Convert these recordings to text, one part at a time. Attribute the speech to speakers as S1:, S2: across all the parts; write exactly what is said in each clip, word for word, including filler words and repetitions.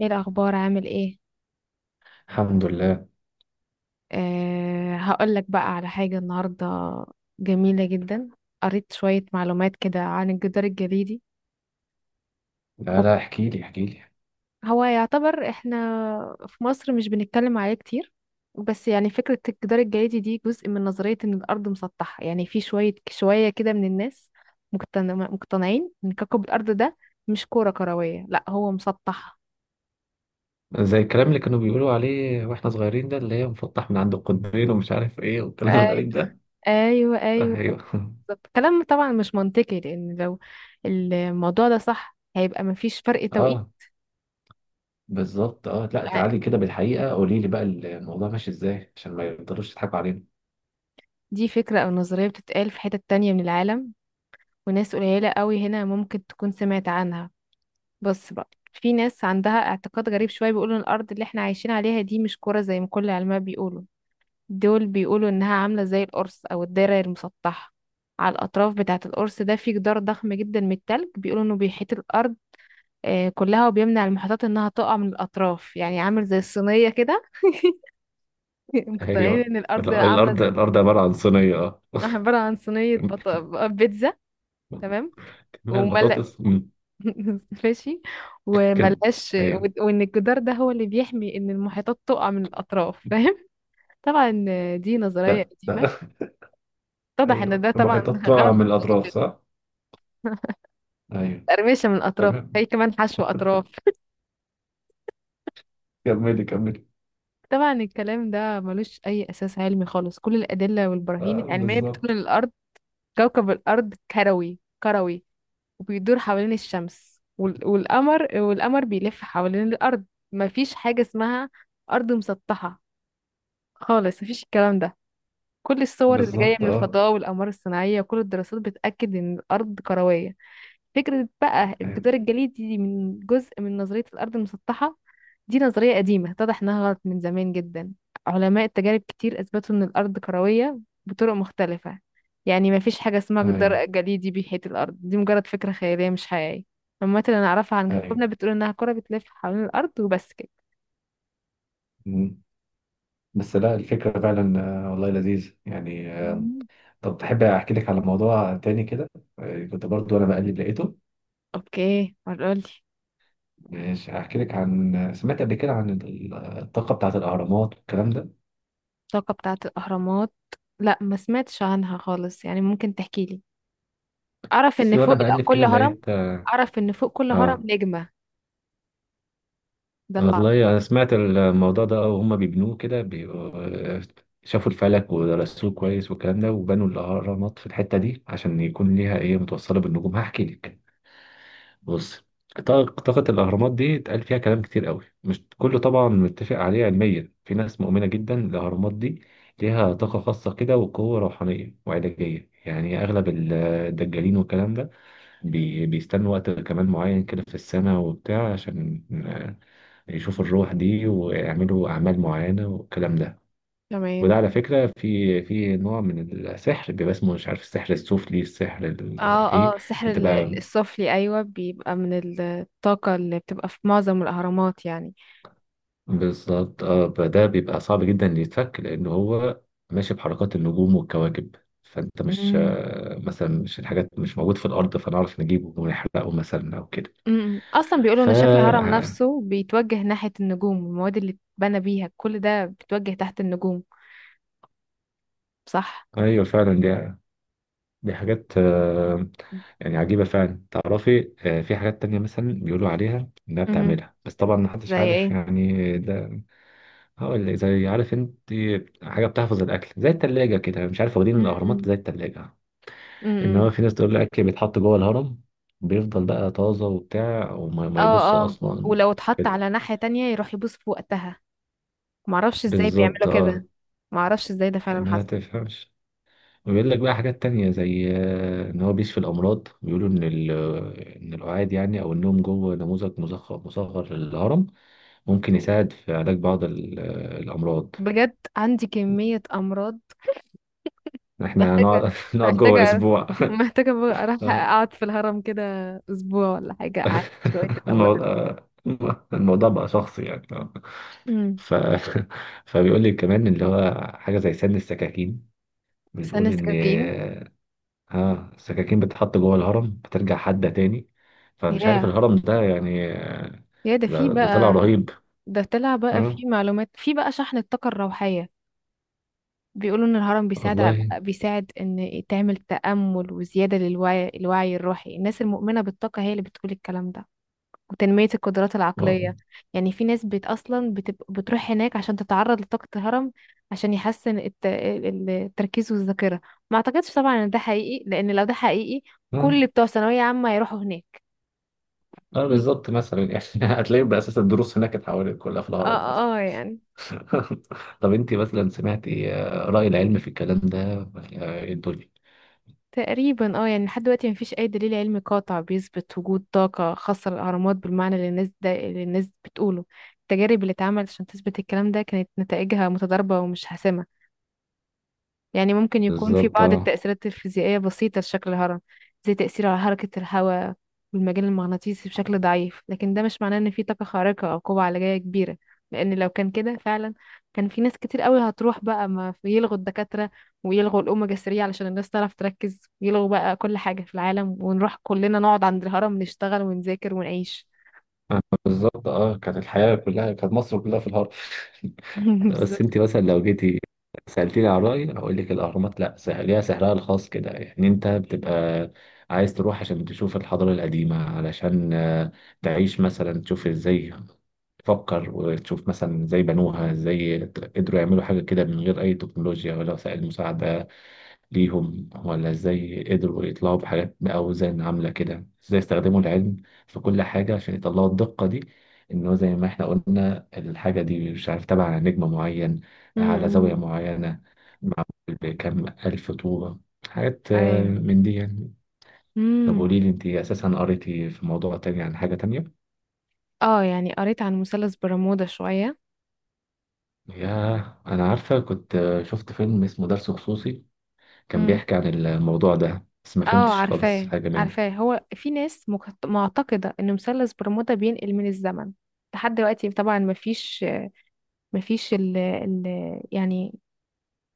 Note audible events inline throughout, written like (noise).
S1: ايه الاخبار، عامل ايه؟
S2: الحمد لله.
S1: أه، هقول لك بقى على حاجه النهارده جميله جدا. قريت شويه معلومات كده عن الجدار الجليدي.
S2: لا
S1: هو
S2: لا احكي لي احكي لي.
S1: هو يعتبر احنا في مصر مش بنتكلم عليه كتير. بس يعني فكره الجدار الجليدي دي جزء من نظريه ان الارض مسطحه، يعني في شويه شويه كده من الناس مقتن- مقتنعين ان كوكب الارض ده مش كره كرويه، لا هو مسطح.
S2: زي الكلام اللي كانوا بيقولوا عليه واحنا صغيرين ده اللي هي مفتح من عند القطبين ومش عارف ايه والكلام
S1: ايوه،
S2: الغريب ده.
S1: ايوه، ايوه،
S2: ايوه
S1: بالظبط. كلام طبعا مش منطقي، لان لو الموضوع ده صح هيبقى مفيش فرق
S2: (laughs)
S1: توقيت.
S2: اه، بالظبط اه، لا
S1: ع-
S2: تعالي كده بالحقيقة قولي لي بقى الموضوع ماشي ازاي عشان ما يفضلوش يضحكوا علينا.
S1: دي فكرة او نظرية بتتقال في حتت تانية من العالم، وناس قليلة قوي هنا ممكن تكون سمعت عنها. بس بقى في ناس عندها اعتقاد غريب شوية، بيقولوا ان الارض اللي احنا عايشين عليها دي مش كرة زي ما كل العلماء بيقولوا. دول بيقولوا انها عاملة زي القرص او الدايرة المسطحة. على الاطراف بتاعة القرص ده في جدار ضخم جدا من التلج، بيقولوا انه بيحيط الارض آه، كلها وبيمنع المحيطات انها تقع من الاطراف، يعني عامل زي الصينيه كده. (laughs)
S2: (laughs)
S1: مقتنعين
S2: ايوه
S1: ان الارض
S2: لا،
S1: عامله
S2: الارض
S1: زي
S2: الارض عبارة عن صينية اه.
S1: (laughs) عباره عن صينيه بط... بيتزا. تمام.
S2: (laughs) كمان
S1: ومل
S2: البطاطس مم.
S1: (laughs) ماشي.
S2: كم.
S1: وملهاش
S2: ايوه.
S1: و- وان الجدار ده هو اللي بيحمي ان المحيطات تقع من الاطراف، فاهم. (laughs) طبعا آه، دي نظريه
S2: لا
S1: قديمه،
S2: لا (laughs)
S1: اتضح ان
S2: ايوه،
S1: ده طبعا
S2: المحيطات
S1: (laughs)
S2: طالعة
S1: غلط.
S2: من الاطراف صح؟ ايوه.
S1: تقرمشة من الأطراف
S2: تمام.
S1: هي كمان حشو أطراف.
S2: كملي كملي.
S1: طبعا الكلام ده ملوش أي أساس علمي خالص. كل الأدلة والبراهين
S2: آه
S1: العلمية بتقول
S2: بالظبط.
S1: إن الأرض، كوكب الأرض، كروي كروي، وبيدور حوالين الشمس وال- والقمر، والقمر بيلف حوالين الأرض. مفيش حاجة اسمها أرض مسطحة خالص. مفيش الكلام ده. كل الصور اللي جاية
S2: بالظبط
S1: من
S2: اه.
S1: الفضاء والأقمار الصناعية وكل الدراسات بتأكد إن الأرض كروية. فكرة بقى الجدار
S2: ايوه.
S1: الجليدي دي من جزء من نظرية الأرض المسطحة. دي نظرية قديمة اتضح إنها غلط من زمان جدا. علماء التجارب كتير أثبتوا إن الأرض كروية بطرق مختلفة. يعني مفيش حاجة اسمها
S2: ايوه
S1: جدار جليدي بيحيط الأرض، دي مجرد فكرة خيالية مش حقيقية. المعلومات اللي نعرفها عن
S2: ايوه.
S1: كوكبنا بتقول إنها كرة بتلف حوالين الأرض، وبس كده.
S2: مم. بس لا، الفكرة فعلا آه، والله لذيذ يعني آه،
S1: مم.
S2: طب تحب احكي لك على موضوع تاني كده؟ آه، كنت برضو انا بقلب لقيته.
S1: أوكي، قولي.
S2: ماشي، هحكي لك عن آه، سمعت قبل كده عن ال- الطاقة بتاعة الأهرامات والكلام ده.
S1: الطاقة بتاعة الأهرامات؟ لا، ما سمعتش عنها خالص، يعني ممكن تحكيلي. اعرف
S2: بس
S1: ان
S2: وانا
S1: فوق
S2: بقلب
S1: كل
S2: كده
S1: هرم،
S2: لقيت
S1: اعرف ان فوق كل هرم
S2: اه.
S1: نجمة. ده اللي اعرفه.
S2: والله انا سمعت الموضوع ده اه، وهم بيبنوه كده بيبقوا- آه، شافوا الفلك ودرسوه كويس والكلام ده، وبنوا الأهرامات في الحتة دي عشان يكون ليها ايه متوصلة بالنجوم. هحكي لك، بص. طاق- طاقة الأهرامات دي اتقال فيها كلام كتير قوي، مش كله طبعا متفق عليه علميا. في ناس مؤمنة جدا الأهرامات دي ليها طاقة خاصة كده وقوة روحانية وعلاجية، يعني أغلب ال- الدجالين والكلام ده بي- بيستنوا وقت كمان معين كده في السنة وبتاع عشان آه، يشوفوا الروح دي ويعملوا أعمال معينة والكلام ده.
S1: تمام.
S2: وده على فكرة في في نوع من السحر بيبقى اسمه مش عارف السحر السفلي، السحر ال- ايه،
S1: اه، اه، السحر ال-
S2: بتبقى
S1: السفلي، ايوه، بيبقى من الطاقة اللي بتبقى في معظم الاهرامات يعني.
S2: بالظبط اه. فده بيبقى صعب جدا إن يتفك لان هو ماشي بحركات النجوم والكواكب، فانت مش
S1: امم.
S2: آه، مثلا مش الحاجات مش موجود في الارض فنعرف نجيبه ونحرقه مثلا او كده.
S1: أمم. اصلا بيقولوا
S2: ف
S1: ان شكل الهرم
S2: آه،
S1: نفسه بيتوجه ناحية النجوم، المواد اللي اتبنى بيها كل ده بيتوجه تحت النجوم. صح.
S2: ايوه فعلا، دي دي حاجات آه، يعني عجيبة فعلا. تعرفي آه، في حاجات تانية مثلا بيقولوا عليها انها
S1: امم
S2: بتعملها، بس طبعا محدش
S1: زي
S2: عارف
S1: ايه؟
S2: يعني ده. هقول لك زي، عارف انت حاجة بتحفظ الاكل زي التلاجة كده مش عارف، واخدين الاهرامات زي
S1: امم
S2: التلاجة. ان
S1: امم
S2: هو في ناس تقول لك بيتحط جوه الهرم بيفضل بقى طازه وبتاع وما
S1: اه،
S2: ما يبص
S1: اه،
S2: اصلا
S1: ولو اتحط
S2: كده،
S1: على ناحية تانية يروح يبوس في وقتها. معرفش ازاي
S2: بالظبط
S1: بيعملوا
S2: اه.
S1: كده. معرفش ازاي ده فعلا
S2: ما
S1: حصل.
S2: تفهمش. ويقول لك بقى حاجات تانية زي آه، ان هو بيشفي الامراض، بيقولوا ان ال- ان القعاد يعني او النوم جوه نموذج مصغر مصغر للهرم ممكن يساعد في علاج بعض ال- آه، الامراض.
S1: بجد عندي كمية أمراض،
S2: احنا
S1: محتاجة،
S2: هنقعد (laughs) نقعد جوه
S1: محتاجة،
S2: اسبوع.
S1: محتاجة بقى
S2: (laughs)
S1: أروح
S2: آه،
S1: أقعد في الهرم كده أسبوع ولا حاجة أعالج شوية
S2: (laughs)
S1: الأمراض
S2: الموضوع
S1: دي.
S2: آه، الموضوع بقى شخصي يعني.
S1: امم.
S2: ف... (laughs) فبيقول لي كمان اللي هو حاجة زي سن السكاكين،
S1: ثانية
S2: بتقول إن
S1: سكاكين.
S2: ها السكاكين بتتحط جوه الهرم بترجع حادة تاني. فمش عارف
S1: ياه،
S2: الهرم ده يعني آه،
S1: يا ده في
S2: ده, ده طلع
S1: بقى،
S2: رهيب.
S1: ده طلع بقى
S2: ها
S1: في معلومات، في بقى شحن الطاقة الروحية. بيقولوا إن الهرم بيساعد، ع-
S2: والله
S1: بيساعد إن تعمل تأمل وزيادة للوعي، الوعي الروحي، الناس المؤمنة بالطاقة هي اللي بتقول الكلام ده، وتنمية القدرات
S2: اه
S1: العقلية. يعني في ناس بت أصلا بتب... بتروح هناك عشان تتعرض لطاقة الهرم، عشان يحسن الت... ال- التركيز والذاكرة. ما أعتقدش طبعا إن ده حقيقي، لأن لو ده حقيقي
S2: اه
S1: كل بتوع ثانوية عامة يروحوا هناك.
S2: آه،
S1: (laughs)
S2: بالظبط مثلا يعني (laughs) هتلاقي بأساس الدروس هناك اتحولت كلها في
S1: اه،
S2: الهرم مثلا.
S1: اه، يعني
S2: (laughs) طب انت مثلا سمعتي آه، رأي العلم في الكلام ده ولا ايه الدنيا؟
S1: تقريبا، اه، يعني لحد دلوقتي مفيش أي دليل علمي قاطع بيثبت وجود طاقة خاصة للأهرامات بالمعنى اللي الناس ده اللي الناس بتقوله. التجارب اللي اتعملت عشان تثبت الكلام ده كانت نتائجها متضاربة ومش حاسمة. يعني ممكن يكون في
S2: بالظبط
S1: بعض
S2: اه.
S1: التأثيرات الفيزيائية بسيطة لشكل الهرم، زي تأثيره على حركة الهواء والمجال المغناطيسي بشكل ضعيف، لكن ده مش معناه إن في طاقة خارقة أو قوة علاجية كبيرة. لأن لو كان كده فعلا، كان في ناس كتير قوي هتروح بقى، ما في- يلغوا الدكاترة، ويلغوا الأوميجا ثلاثة علشان الناس تعرف تركز، ويلغوا بقى كل حاجة في العالم، ونروح كلنا نقعد عند الهرم نشتغل ونذاكر ونعيش.
S2: آه، بالظبط اه، كانت الحياة كلها كانت مصر كلها في الهرم.
S1: (laughs)
S2: بس
S1: بالظبط.
S2: انت مثلا لو جيتي سألتيني على رأيي هقول لك الأهرامات لا، سح- ليها سحرها الخاص كده يعني. انت بتبقى عايز تروح عشان تشوف الحضارة القديمة، علشان آه، تعيش مثلا، تشوف ازاي تفكر وتشوف مثلا ازاي بنوها، ازاي قدروا يعملوا حاجة كده من غير أي تكنولوجيا ولا وسائل مساعدة ليهم، ولا ازاي قدروا يطلعوا بحاجات بأوزان عاملة كده، ازاي استخدموا العلم في كل حاجة عشان يطلعوا الدقة دي، انه زي ما احنا قلنا الحاجة دي مش عارف تبع على نجم معين، على زاوية
S1: امم.
S2: معينة، معمول بكم ألف طوبة. حاجات
S1: ايوه،
S2: آه،
S1: ايوه.
S2: من دي يعني. طب
S1: امم.
S2: قولي لي انت اساسا قريتي في موضوع تاني عن حاجة تانية.
S1: اه، يعني قريت عن مثلث برمودا شوية.
S2: ياه، انا عارفة، كنت آه، شفت فيلم اسمه درس خصوصي كان بيحكي عن الموضوع ده، بس ما
S1: اه،
S2: فهمتش خالص
S1: عارفاه
S2: حاجة منه.
S1: عارفاه. هو في ناس مك- معتقدة ان مثلث برمودا بينقل من الزمن. لحد دلوقتي طبعا مفيش، مفيش ال ال يعني،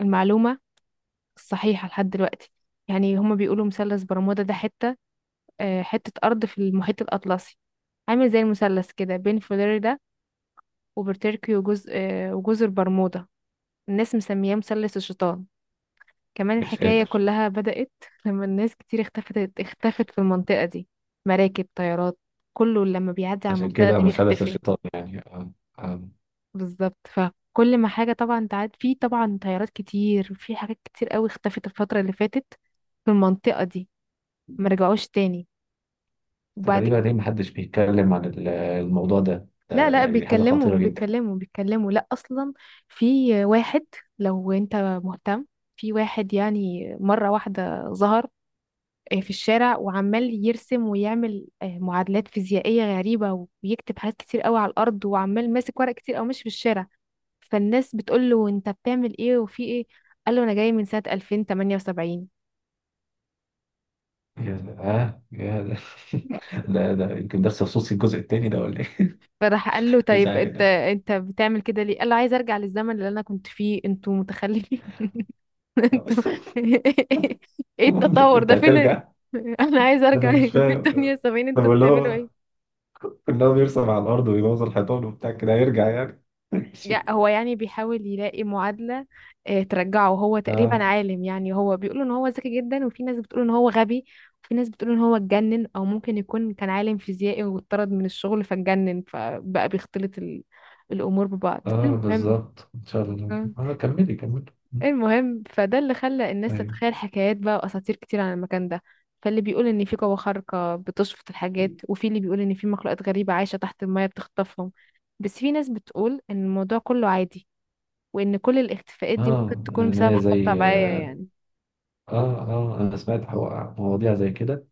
S1: المعلومة الصحيحة لحد دلوقتي. يعني هما بيقولوا مثلث برمودا ده حتة، آه، حتة أرض في المحيط الأطلسي، عامل زي المثلث كده بين فلوريدا وبورتوريكو وجزء آه، وجزر برمودا. الناس مسمياه مثلث الشيطان. كمان
S2: يا
S1: الحكاية
S2: ساتر.
S1: كلها بدأت لما الناس كتير اختفت اختفت في المنطقة دي، مراكب، طيارات، كله لما بيعدي على
S2: عشان
S1: المنطقة
S2: كده
S1: دي
S2: مثلث
S1: بيختفي.
S2: الشيطان يعني آه، آه.
S1: بالظبط، فكل ما حاجة طبعا تعد في، طبعا طيارات كتير، في حاجات كتير قوي اختفت الفترة اللي فاتت في المنطقة دي، ما رجعوش تاني. وبعد ك-
S2: غريبة، ليه محدش بيتكلم عن ال- الموضوع ده؟
S1: لا،
S2: ده
S1: لا،
S2: يعني دي حاجة
S1: بيتكلموا،
S2: خطيرة جدا.
S1: بيتكلموا، بيتكلموا، لا، أصلا في واحد، لو انت مهتم، في واحد يعني مرة واحدة ظهر آه، في الشارع وعمال يرسم ويعمل آه، معادلات فيزيائية غريبة ويكتب حاجات كتير قوي على الأرض وعمال ماسك ورق كتير أو ماشي في الشارع. فالناس بتقول له أنت بتعمل إيه وفي إيه؟ قال له أنا جاي من سنة ألفين وتمانية وسبعين.
S2: يا ده (laughs) آه يا ده.
S1: (laughs)
S2: (laughs) ده ده يمكن ده خصوصي الجزء التاني ده ولا ايه؟
S1: فراح قال له
S2: (laughs) مش
S1: طيب، أنت
S2: عارف.
S1: أنت بتعمل كده ليه؟ قال له عايز أرجع للزمن اللي أنا كنت فيه، أنتوا متخلفين. (laughs) أنتوا
S2: (laughs)
S1: (laughs) إيه التطور
S2: انت
S1: ده فين؟ (laughs)
S2: هترجع؟
S1: أنا عايز أرجع
S2: انا مش
S1: في
S2: فاهم.
S1: تمانية وسبعين، أنتوا
S2: طب اللي
S1: بتعملوا
S2: هو
S1: إيه؟
S2: ان هو بيرسم على الارض ويبوظ الحيطان وبتاع كده هيرجع يعني؟ (laughs)
S1: يع-
S2: ماشي.
S1: هو يعني بيحاول يلاقي معادلة آه، ترجعه. هو تقريبا
S2: اه
S1: عالم، يعني هو بيقولوا ان هو ذكي جدا، وفي ناس بتقول ان هو غبي، وفي ناس بتقول ان هو اتجنن، او ممكن يكون كان عالم فيزيائي واتطرد من الشغل فاتجنن، فبقى بيختلط ال... الامور ببعض،
S2: اه
S1: المهم
S2: بالظبط، ان شاء الله
S1: آه،
S2: اه، كملي كملي.
S1: المهم فده اللي خلى الناس
S2: ايوه
S1: تتخيل حكايات بقى واساطير كتير عن المكان ده. فاللي بيقول ان في قوة خارقة بتشفط الحاجات، وفي اللي بيقول ان في مخلوقات غريبة عايشة تحت المية بتخطفهم. بس في ناس بتقول ان الموضوع كله عادي، وإن كل الاختفاءات دي ممكن
S2: اه.
S1: تكون بسبب
S2: انا
S1: حاجات
S2: زي
S1: طبيعية
S2: آه،
S1: يعني،
S2: اه اه انا سمعت حو- مواضيع زي كده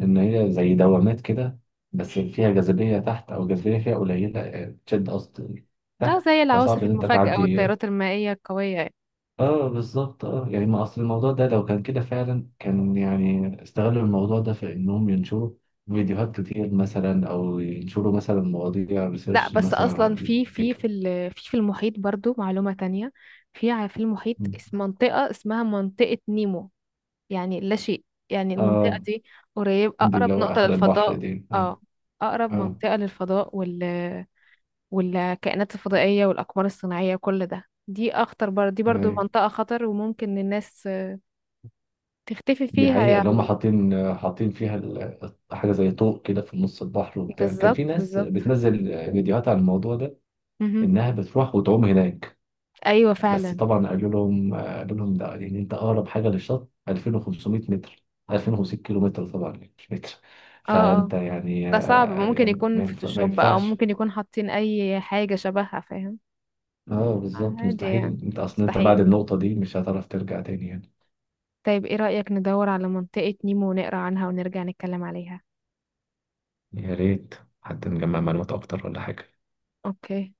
S2: ان هي زي دوامات كده، بس فيها جاذبيه تحت او جاذبيه فيها قليله آه، تشد قصدي
S1: أو
S2: تحت،
S1: زي
S2: فصعب
S1: العواصف
S2: ان انت
S1: المفاجئة
S2: تعدي.
S1: والتيارات المائية القوية يعني.
S2: اه بالظبط اه، يعني ما اصل الموضوع ده لو كان كده فعلا كان يعني استغلوا الموضوع ده في انهم ينشروا فيديوهات كتير مثلا، او ينشروا مثلا مواضيع
S1: لا
S2: ريسيرش
S1: بس
S2: مثلا
S1: أصلا
S2: عن
S1: في في في
S2: الفكرة.
S1: ال- في في المحيط برضو معلومة تانية. في ع- في المحيط اس- منطقة اسمها منطقة نيمو، يعني لا شيء، يعني المنطقة
S2: اه،
S1: دي قريب
S2: دي
S1: أقرب
S2: اللي هو
S1: نقطة
S2: اخر البحر
S1: للفضاء.
S2: دي اه.
S1: اه، أقرب
S2: اه
S1: منطقة للفضاء وال والكائنات الفضائية والأقمار الصناعية، كل ده، دي أخطر بر... دي برضو
S2: أيوة.
S1: منطقة خطر وممكن الناس تختفي
S2: دي
S1: فيها
S2: حقيقة، اللي هم
S1: يعني.
S2: حاطين حاطين فيها ال- حاجة زي طوق كده في نص البحر وبتاع، كان في
S1: بالظبط،
S2: ناس
S1: بالظبط،
S2: بتنزل فيديوهات عن الموضوع ده.
S1: مهم.
S2: إنها بتروح وتعوم هناك.
S1: ايوه
S2: بس
S1: فعلا.
S2: طبعا قالوا لهم، قالوا لهم ده يعني أنت أقرب حاجة للشط ألفين وخمسمية متر، ألفين وخمسمية كيلو متر طبعا يعني مش متر.
S1: اه، اه،
S2: فأنت يعني
S1: ده صعب،
S2: آه،
S1: ممكن
S2: يعني
S1: يكون
S2: ما ينفع- ما
S1: فوتوشوب او
S2: ينفعش.
S1: ممكن يكون حاطين اي حاجة شبهها، فاهم؟
S2: اه بالظبط،
S1: عادي
S2: مستحيل
S1: يعني،
S2: انت اصلا انت بعد
S1: مستحيل.
S2: النقطة دي مش هتعرف ترجع تاني يعني.
S1: طيب ايه رأيك ندور على منطقة نيمو ونقرا عنها ونرجع نتكلم عليها؟
S2: يا ريت، حد نجمع معلومات اكتر ولا حاجة.
S1: اوكي.